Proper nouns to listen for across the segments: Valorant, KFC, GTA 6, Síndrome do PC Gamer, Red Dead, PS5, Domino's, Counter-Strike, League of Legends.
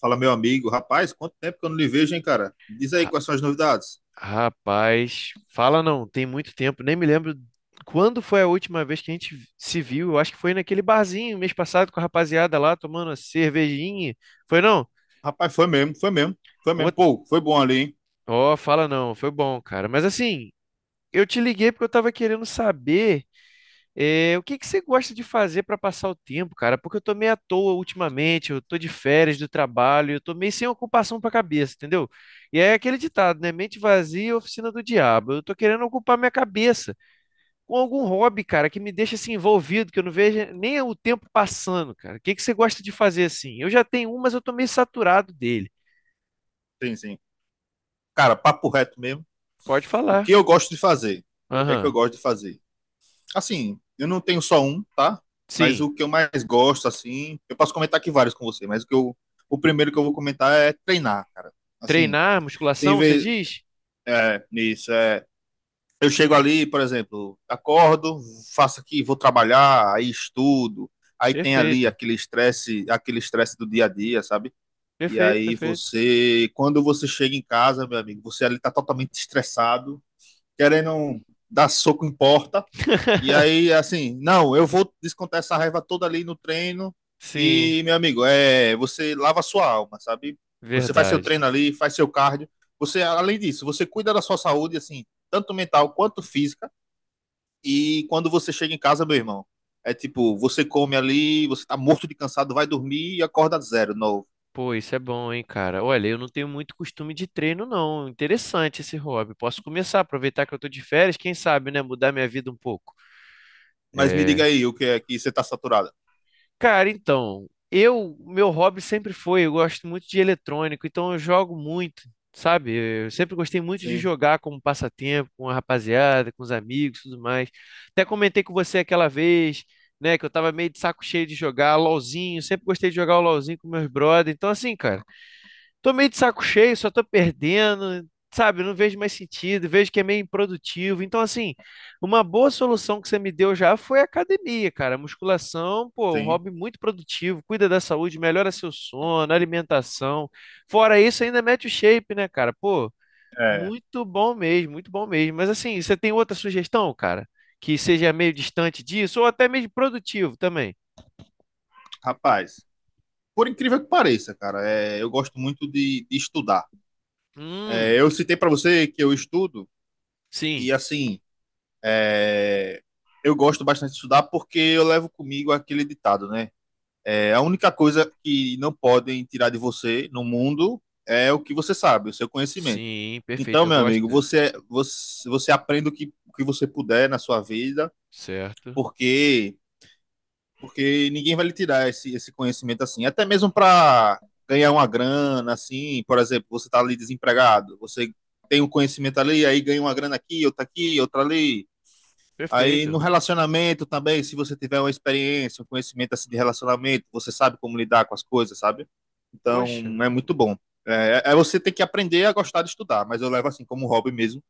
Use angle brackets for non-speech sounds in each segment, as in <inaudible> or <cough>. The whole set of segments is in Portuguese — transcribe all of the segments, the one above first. Fala, meu amigo. Rapaz, quanto tempo que eu não lhe vejo, hein, cara? Diz aí Ra- quais são as novidades. Rapaz, fala não, tem muito tempo, nem me lembro quando foi a última vez que a gente se viu. Eu acho que foi naquele barzinho mês passado com a rapaziada lá tomando a cervejinha. Foi não? Rapaz, foi mesmo, foi mesmo, foi Pô, mesmo. Pô, foi bom ali, hein? ó, fala não, foi bom, cara. Mas assim, eu te liguei porque eu tava querendo saber o que que você gosta de fazer pra passar o tempo, cara? Porque eu tô meio à toa ultimamente, eu tô de férias do trabalho, eu tô meio sem ocupação pra cabeça, entendeu? E é aquele ditado, né? Mente vazia, é oficina do diabo. Eu tô querendo ocupar minha cabeça com algum hobby, cara, que me deixa assim envolvido, que eu não veja nem o tempo passando, cara. O que que você gosta de fazer assim? Eu já tenho um, mas eu tô meio saturado dele. Sim, sim. Cara, papo reto mesmo. Pode O falar. que eu gosto de fazer? O que é que eu Aham. gosto de fazer? Assim, eu não tenho só um, tá? Mas Sim. o que eu mais gosto, assim, eu posso comentar aqui vários com você, o primeiro que eu vou comentar é treinar, cara. Assim, Treinar, tem musculação, você vez, diz? Nisso, eu chego ali, por exemplo, acordo, faço aqui, vou trabalhar, aí estudo, aí tem ali Perfeito. Aquele estresse do dia a dia, sabe? E Perfeito, aí perfeito. você, quando você chega em casa, meu amigo, você ali tá totalmente estressado, querendo dar soco em porta, e <laughs> aí assim, não, eu vou descontar essa raiva toda ali no treino, Sim, e meu amigo, você lava a sua alma, sabe? Você faz seu verdade. treino ali, faz seu cardio, você além disso, você cuida da sua saúde assim, tanto mental quanto física e quando você chega em casa, meu irmão, é tipo, você come ali, você tá morto de cansado, vai dormir e acorda zero, novo. Pô, isso é bom, hein, cara. Olha, eu não tenho muito costume de treino, não. Interessante esse hobby. Posso começar, aproveitar que eu tô de férias, quem sabe, né, mudar minha vida um pouco. Mas me diga É, aí o que é que você tá saturada. cara, então, eu, meu hobby sempre foi, eu gosto muito de eletrônico, então eu jogo muito, sabe? Eu sempre gostei muito de Sim, jogar como passatempo, com a rapaziada, com os amigos, tudo mais. Até comentei com você aquela vez, né, que eu tava meio de saco cheio de jogar LOLzinho, sempre gostei de jogar o LOLzinho com meus brothers. Então assim, cara, tô meio de saco cheio, só tô perdendo, sabe? Não vejo mais sentido, vejo que é meio improdutivo. Então, assim, uma boa solução que você me deu já foi a academia, cara. Musculação, pô, um sim. hobby muito produtivo, cuida da saúde, melhora seu sono, alimentação. Fora isso, ainda mete o shape, né, cara? Pô, É, muito bom mesmo, muito bom mesmo. Mas, assim, você tem outra sugestão, cara? Que seja meio distante disso, ou até mesmo produtivo também. rapaz, por incrível que pareça, cara, eu gosto muito de estudar. Hum, É, eu citei para você que eu estudo e sim, assim, é, eu gosto bastante de estudar porque eu levo comigo aquele ditado, né? É, a única coisa que não podem tirar de você no mundo é o que você sabe, o seu conhecimento. sim, perfeito, Então, eu meu amigo, gosto, você aprende o que você puder na sua vida, certo. porque porque ninguém vai lhe tirar esse conhecimento assim. Até mesmo para ganhar uma grana, assim, por exemplo, você está ali desempregado, você tem um conhecimento ali, aí ganha uma grana aqui, outra ali. Aí no Perfeito. relacionamento também, se você tiver uma experiência, um conhecimento assim de relacionamento, você sabe como lidar com as coisas, sabe? Então Poxa, é muito bom. É você tem que aprender a gostar de estudar, mas eu levo assim como hobby mesmo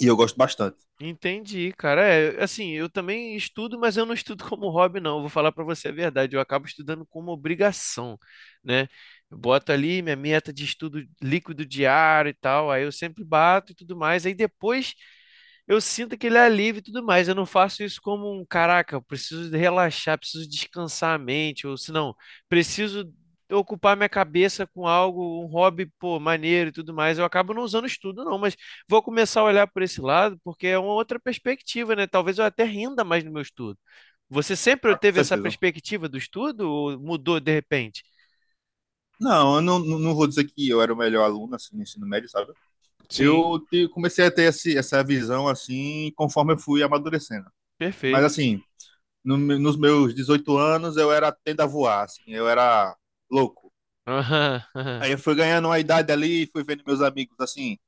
e eu gosto bastante. entendi, cara. É, assim, eu também estudo, mas eu não estudo como hobby, não. Vou falar pra você a verdade. Eu acabo estudando como obrigação, né? Eu boto ali minha meta de estudo líquido diário e tal. Aí eu sempre bato e tudo mais. Aí depois eu sinto aquele alívio e tudo mais. Eu não faço isso como um caraca, eu preciso de relaxar, preciso descansar a mente, ou se não, preciso ocupar minha cabeça com algo, um hobby, pô, maneiro e tudo mais. Eu acabo não usando estudo, não, mas vou começar a olhar por esse lado, porque é uma outra perspectiva, né? Talvez eu até renda mais no meu estudo. Você sempre Ah, com teve essa certeza. perspectiva do estudo ou mudou de repente? Não, eu não vou dizer que eu era o melhor aluno assim, no ensino médio, sabe? Sim, Eu comecei a ter esse, essa visão assim conforme eu fui amadurecendo. Mas perfeito. assim, no me- nos meus 18 anos eu era tenda a voar, assim, eu era louco. Aham, aham, Aí eu fui ganhando uma idade ali, fui vendo meus amigos assim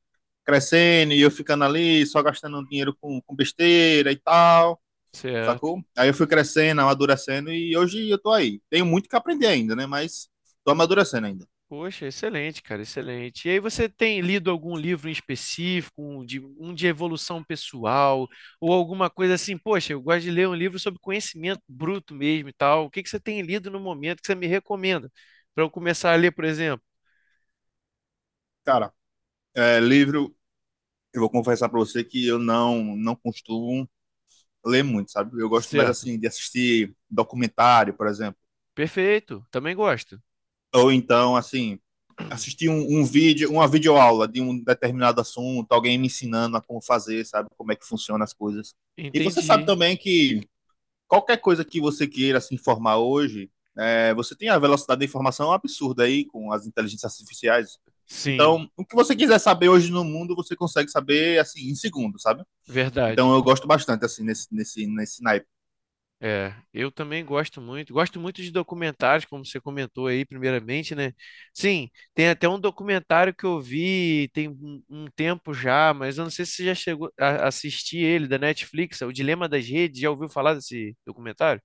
crescendo e eu ficando ali só gastando um dinheiro com besteira e tal, certo. sacou? Aí eu fui crescendo, amadurecendo e hoje eu tô aí. Tenho muito que aprender ainda, né? Mas tô amadurecendo ainda. Poxa, excelente, cara, excelente. E aí você tem lido algum livro em específico, um de evolução pessoal, ou alguma coisa assim? Poxa, eu gosto de ler um livro sobre conhecimento bruto mesmo e tal. O que que você tem lido no momento que você me recomenda para eu começar a ler, por exemplo? Cara, livro, eu vou confessar pra você que eu não costumo ler muito, sabe? Eu gosto mais, Certo. assim, de assistir documentário, por exemplo. Perfeito, também gosto. Ou então, assim, assistir um vídeo, uma videoaula de um determinado assunto, alguém me ensinando a como fazer, sabe? Como é que funcionam as coisas. E você sabe Entendi. também que qualquer coisa que você queira se informar hoje, você tem a velocidade da informação absurda aí com as inteligências artificiais. Sim, Então, o que você quiser saber hoje no mundo, você consegue saber, assim, em segundos, sabe? verdade. Então eu gosto bastante, assim, nesse naipe. É, eu também gosto muito. Gosto muito de documentários, como você comentou aí, primeiramente, né? Sim, tem até um documentário que eu vi tem um tempo já, mas eu não sei se você já chegou a assistir ele, da Netflix, é O Dilema das Redes. Já ouviu falar desse documentário?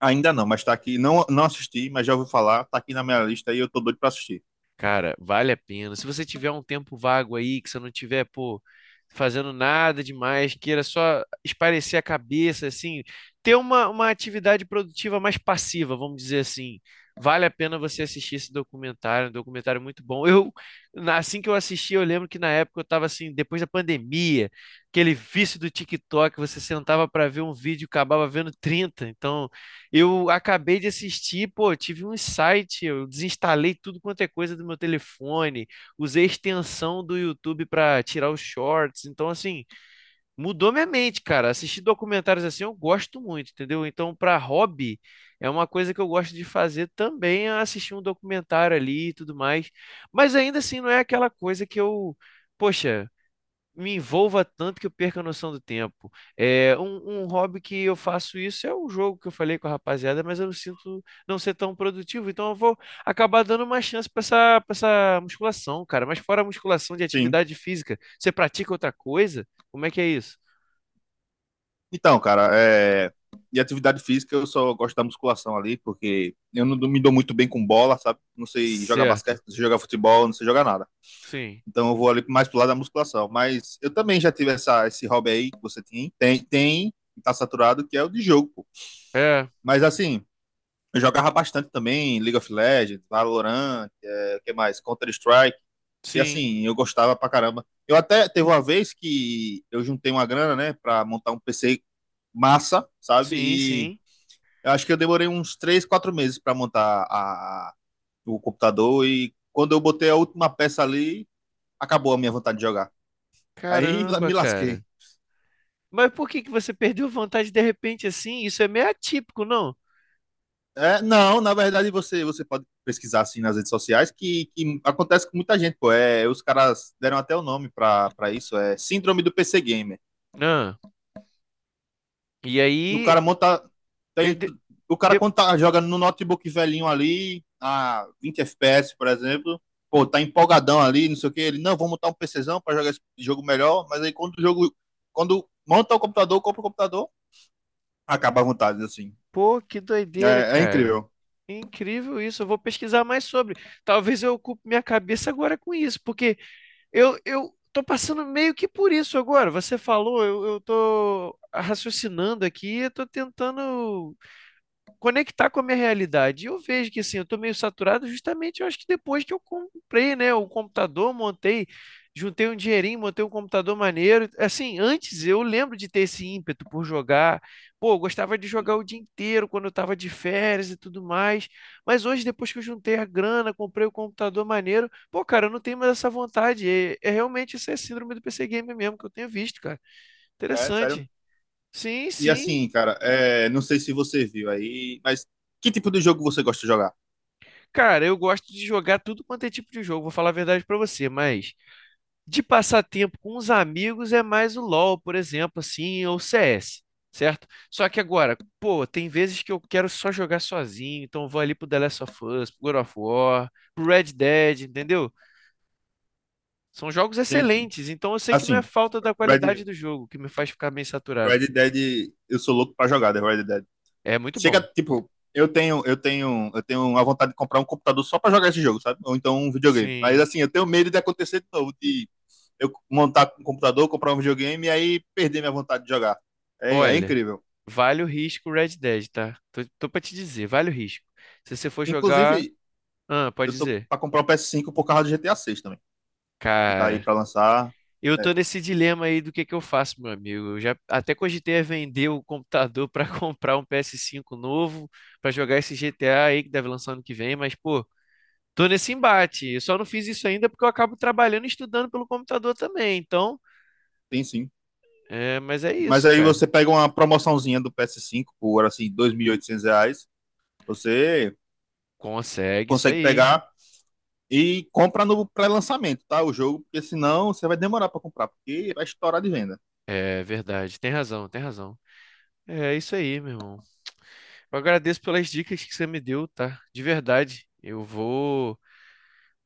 Ainda não, mas tá aqui. Não, não assisti, mas já ouvi falar. Tá aqui na minha lista e eu tô doido pra assistir. Cara, vale a pena. Se você tiver um tempo vago aí, que você não tiver, pô, fazendo nada demais, queira só espairecer a cabeça, assim, ter uma atividade produtiva mais passiva, vamos dizer assim. Vale a pena você assistir esse documentário, um documentário muito bom. Eu, assim que eu assisti, eu lembro que na época eu tava assim, depois da pandemia, aquele vício do TikTok, você sentava para ver um vídeo, e acabava vendo 30. Então, eu acabei de assistir, pô, tive um insight, eu desinstalei tudo quanto é coisa do meu telefone, usei a extensão do YouTube para tirar os shorts, então assim, mudou minha mente, cara. Assistir documentários assim eu gosto muito, entendeu? Então, para hobby, é uma coisa que eu gosto de fazer também, é assistir um documentário ali e tudo mais. Mas ainda assim não é aquela coisa que eu, poxa, me envolva tanto que eu perca a noção do tempo. É, um hobby que eu faço isso é um jogo que eu falei com a rapaziada, mas eu não sinto não ser tão produtivo, então eu vou acabar dando uma chance para essa musculação, cara. Mas fora a musculação de Sim. atividade física, você pratica outra coisa? Como é que é isso? Então, cara, e atividade física, eu só gosto da musculação ali, porque eu não me dou muito bem com bola, sabe? Não sei jogar Certo. basquete, não sei jogar futebol, não sei jogar nada. Sim. Então eu vou ali mais pro lado da musculação. Mas eu também já tive essa, esse hobby aí que você tem, tá saturado, que é o de jogo, pô. É, Mas assim, eu jogava bastante também League of Legends, Valorant, o que mais? Counter-Strike. E sim. assim, eu gostava pra caramba. Eu até teve uma vez que eu juntei uma grana, né, pra montar um PC massa, sabe? Sim, E sim. eu acho que eu demorei uns 3 4 meses pra montar o computador. E quando eu botei a última peça ali, acabou a minha vontade de jogar. Aí <laughs> Caramba, me lasquei. cara. Mas por que que você perdeu vontade de repente assim? Isso é meio atípico, não? É, não, na verdade você pode pesquisar assim nas redes sociais que acontece com muita gente, pô. É, os caras deram até o nome pra isso, é Síndrome do PC Gamer. Ah, e O aí, cara monta. e Tem, de- o cara de- quando tá jogando no notebook velhinho ali, a 20 FPS, por exemplo, pô, tá empolgadão ali, não sei o que. Ele, não, vou montar um PCzão pra jogar esse jogo melhor, mas aí quando o jogo. Quando monta o computador, compra o computador, acaba a vontade, assim. pô, que doideira, É cara. incrível. Incrível isso. Eu vou pesquisar mais sobre. Talvez eu ocupe minha cabeça agora com isso, porque eu tô passando meio que por isso agora. Você falou, eu tô raciocinando aqui, eu tô tentando conectar com a minha realidade. E eu vejo que assim, eu estou meio saturado justamente, eu acho que depois que eu comprei, né, o computador, montei, juntei um dinheirinho, montei um computador maneiro. Assim, antes eu lembro de ter esse ímpeto por jogar. Pô, eu gostava de jogar o dia inteiro quando eu estava de férias e tudo mais. Mas hoje, depois que eu juntei a grana, comprei o computador maneiro, pô, cara, eu não tenho mais essa vontade. É, é realmente essa é a síndrome do PC Gamer mesmo que eu tenho visto, cara. É, sério. Interessante. Sim, E sim. assim, cara, não sei se você viu aí, mas que tipo de jogo você gosta de jogar? Cara, eu gosto de jogar tudo quanto é tipo de jogo, vou falar a verdade pra você, mas de passar tempo com os amigos é mais o LoL, por exemplo, assim, ou CS, certo? Só que agora, pô, tem vezes que eu quero só jogar sozinho, então eu vou ali pro The Last of Us, pro God of War, pro Red Dead, entendeu? São jogos Sim, sim. excelentes, então eu sei que não é Assim, falta da qualidade Red, do jogo que me faz ficar meio saturado. Red Dead, eu sou louco pra jogar The Red Dead. É muito Chega, bom. tipo, eu tenho a vontade de comprar um computador só para jogar esse jogo, sabe? Ou então um videogame. Mas Sim. assim, eu tenho medo de acontecer de novo, de eu montar um computador, comprar um videogame e aí perder minha vontade de jogar. É Olha, incrível. vale o risco o Red Dead, tá? Tô, tô pra te dizer, vale o risco. Se você for jogar, Inclusive, ah, pode eu tô dizer. para comprar o PS5 por causa do GTA 6 também, que tá aí Cara, para lançar. eu tô É, nesse dilema aí do que eu faço, meu amigo. Eu já até cogitei a vender o computador pra <laughs> comprar um PS5 novo pra jogar esse GTA aí que deve lançar ano que vem, mas pô, tô nesse embate. Eu só não fiz isso ainda porque eu acabo trabalhando e estudando pelo computador também. Então, tem sim. é, mas é Mas isso, aí cara. você pega uma promoçãozinha do PS5 por assim R$ 2.800 você Consegue isso consegue aí. pegar. E compra no pré-lançamento, tá? O jogo, porque senão você vai demorar para comprar, porque vai estourar de venda. É verdade. Tem razão, tem razão. É isso aí, meu irmão. Eu agradeço pelas dicas que você me deu, tá? De verdade. Eu vou,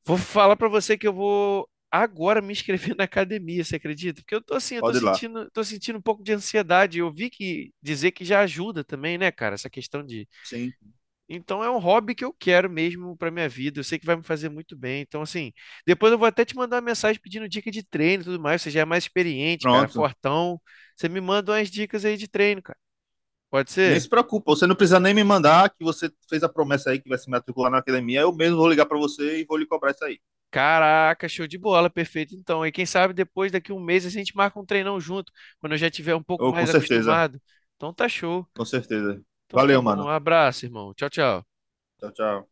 vou falar pra você que eu vou agora me inscrever <laughs> na academia, você acredita? Porque eu tô assim, eu Pode ir lá. Tô sentindo um pouco de ansiedade. Eu vi que dizer que já ajuda também, né, cara, essa questão de. Sim, Então é um hobby que eu quero mesmo pra minha vida. Eu sei que vai me fazer muito bem. Então assim, depois eu vou até te mandar uma mensagem pedindo dica de treino e tudo mais. Você já é mais experiente, cara, pronto. fortão. Você me manda umas dicas aí de treino, cara. Pode Nem se ser? preocupa, você não precisa nem me mandar que você fez a promessa aí que vai se matricular na academia. Eu mesmo vou ligar para você e vou lhe cobrar isso aí. Caraca, show de bola, perfeito. Então, e quem sabe depois, daqui um mês, a gente marca um treinão junto, quando eu já tiver um pouco Oh, com mais certeza, acostumado. Então tá show. com certeza. Então tá Valeu, bom. Um mano. abraço, irmão. Tchau, tchau. Tchau, tchau.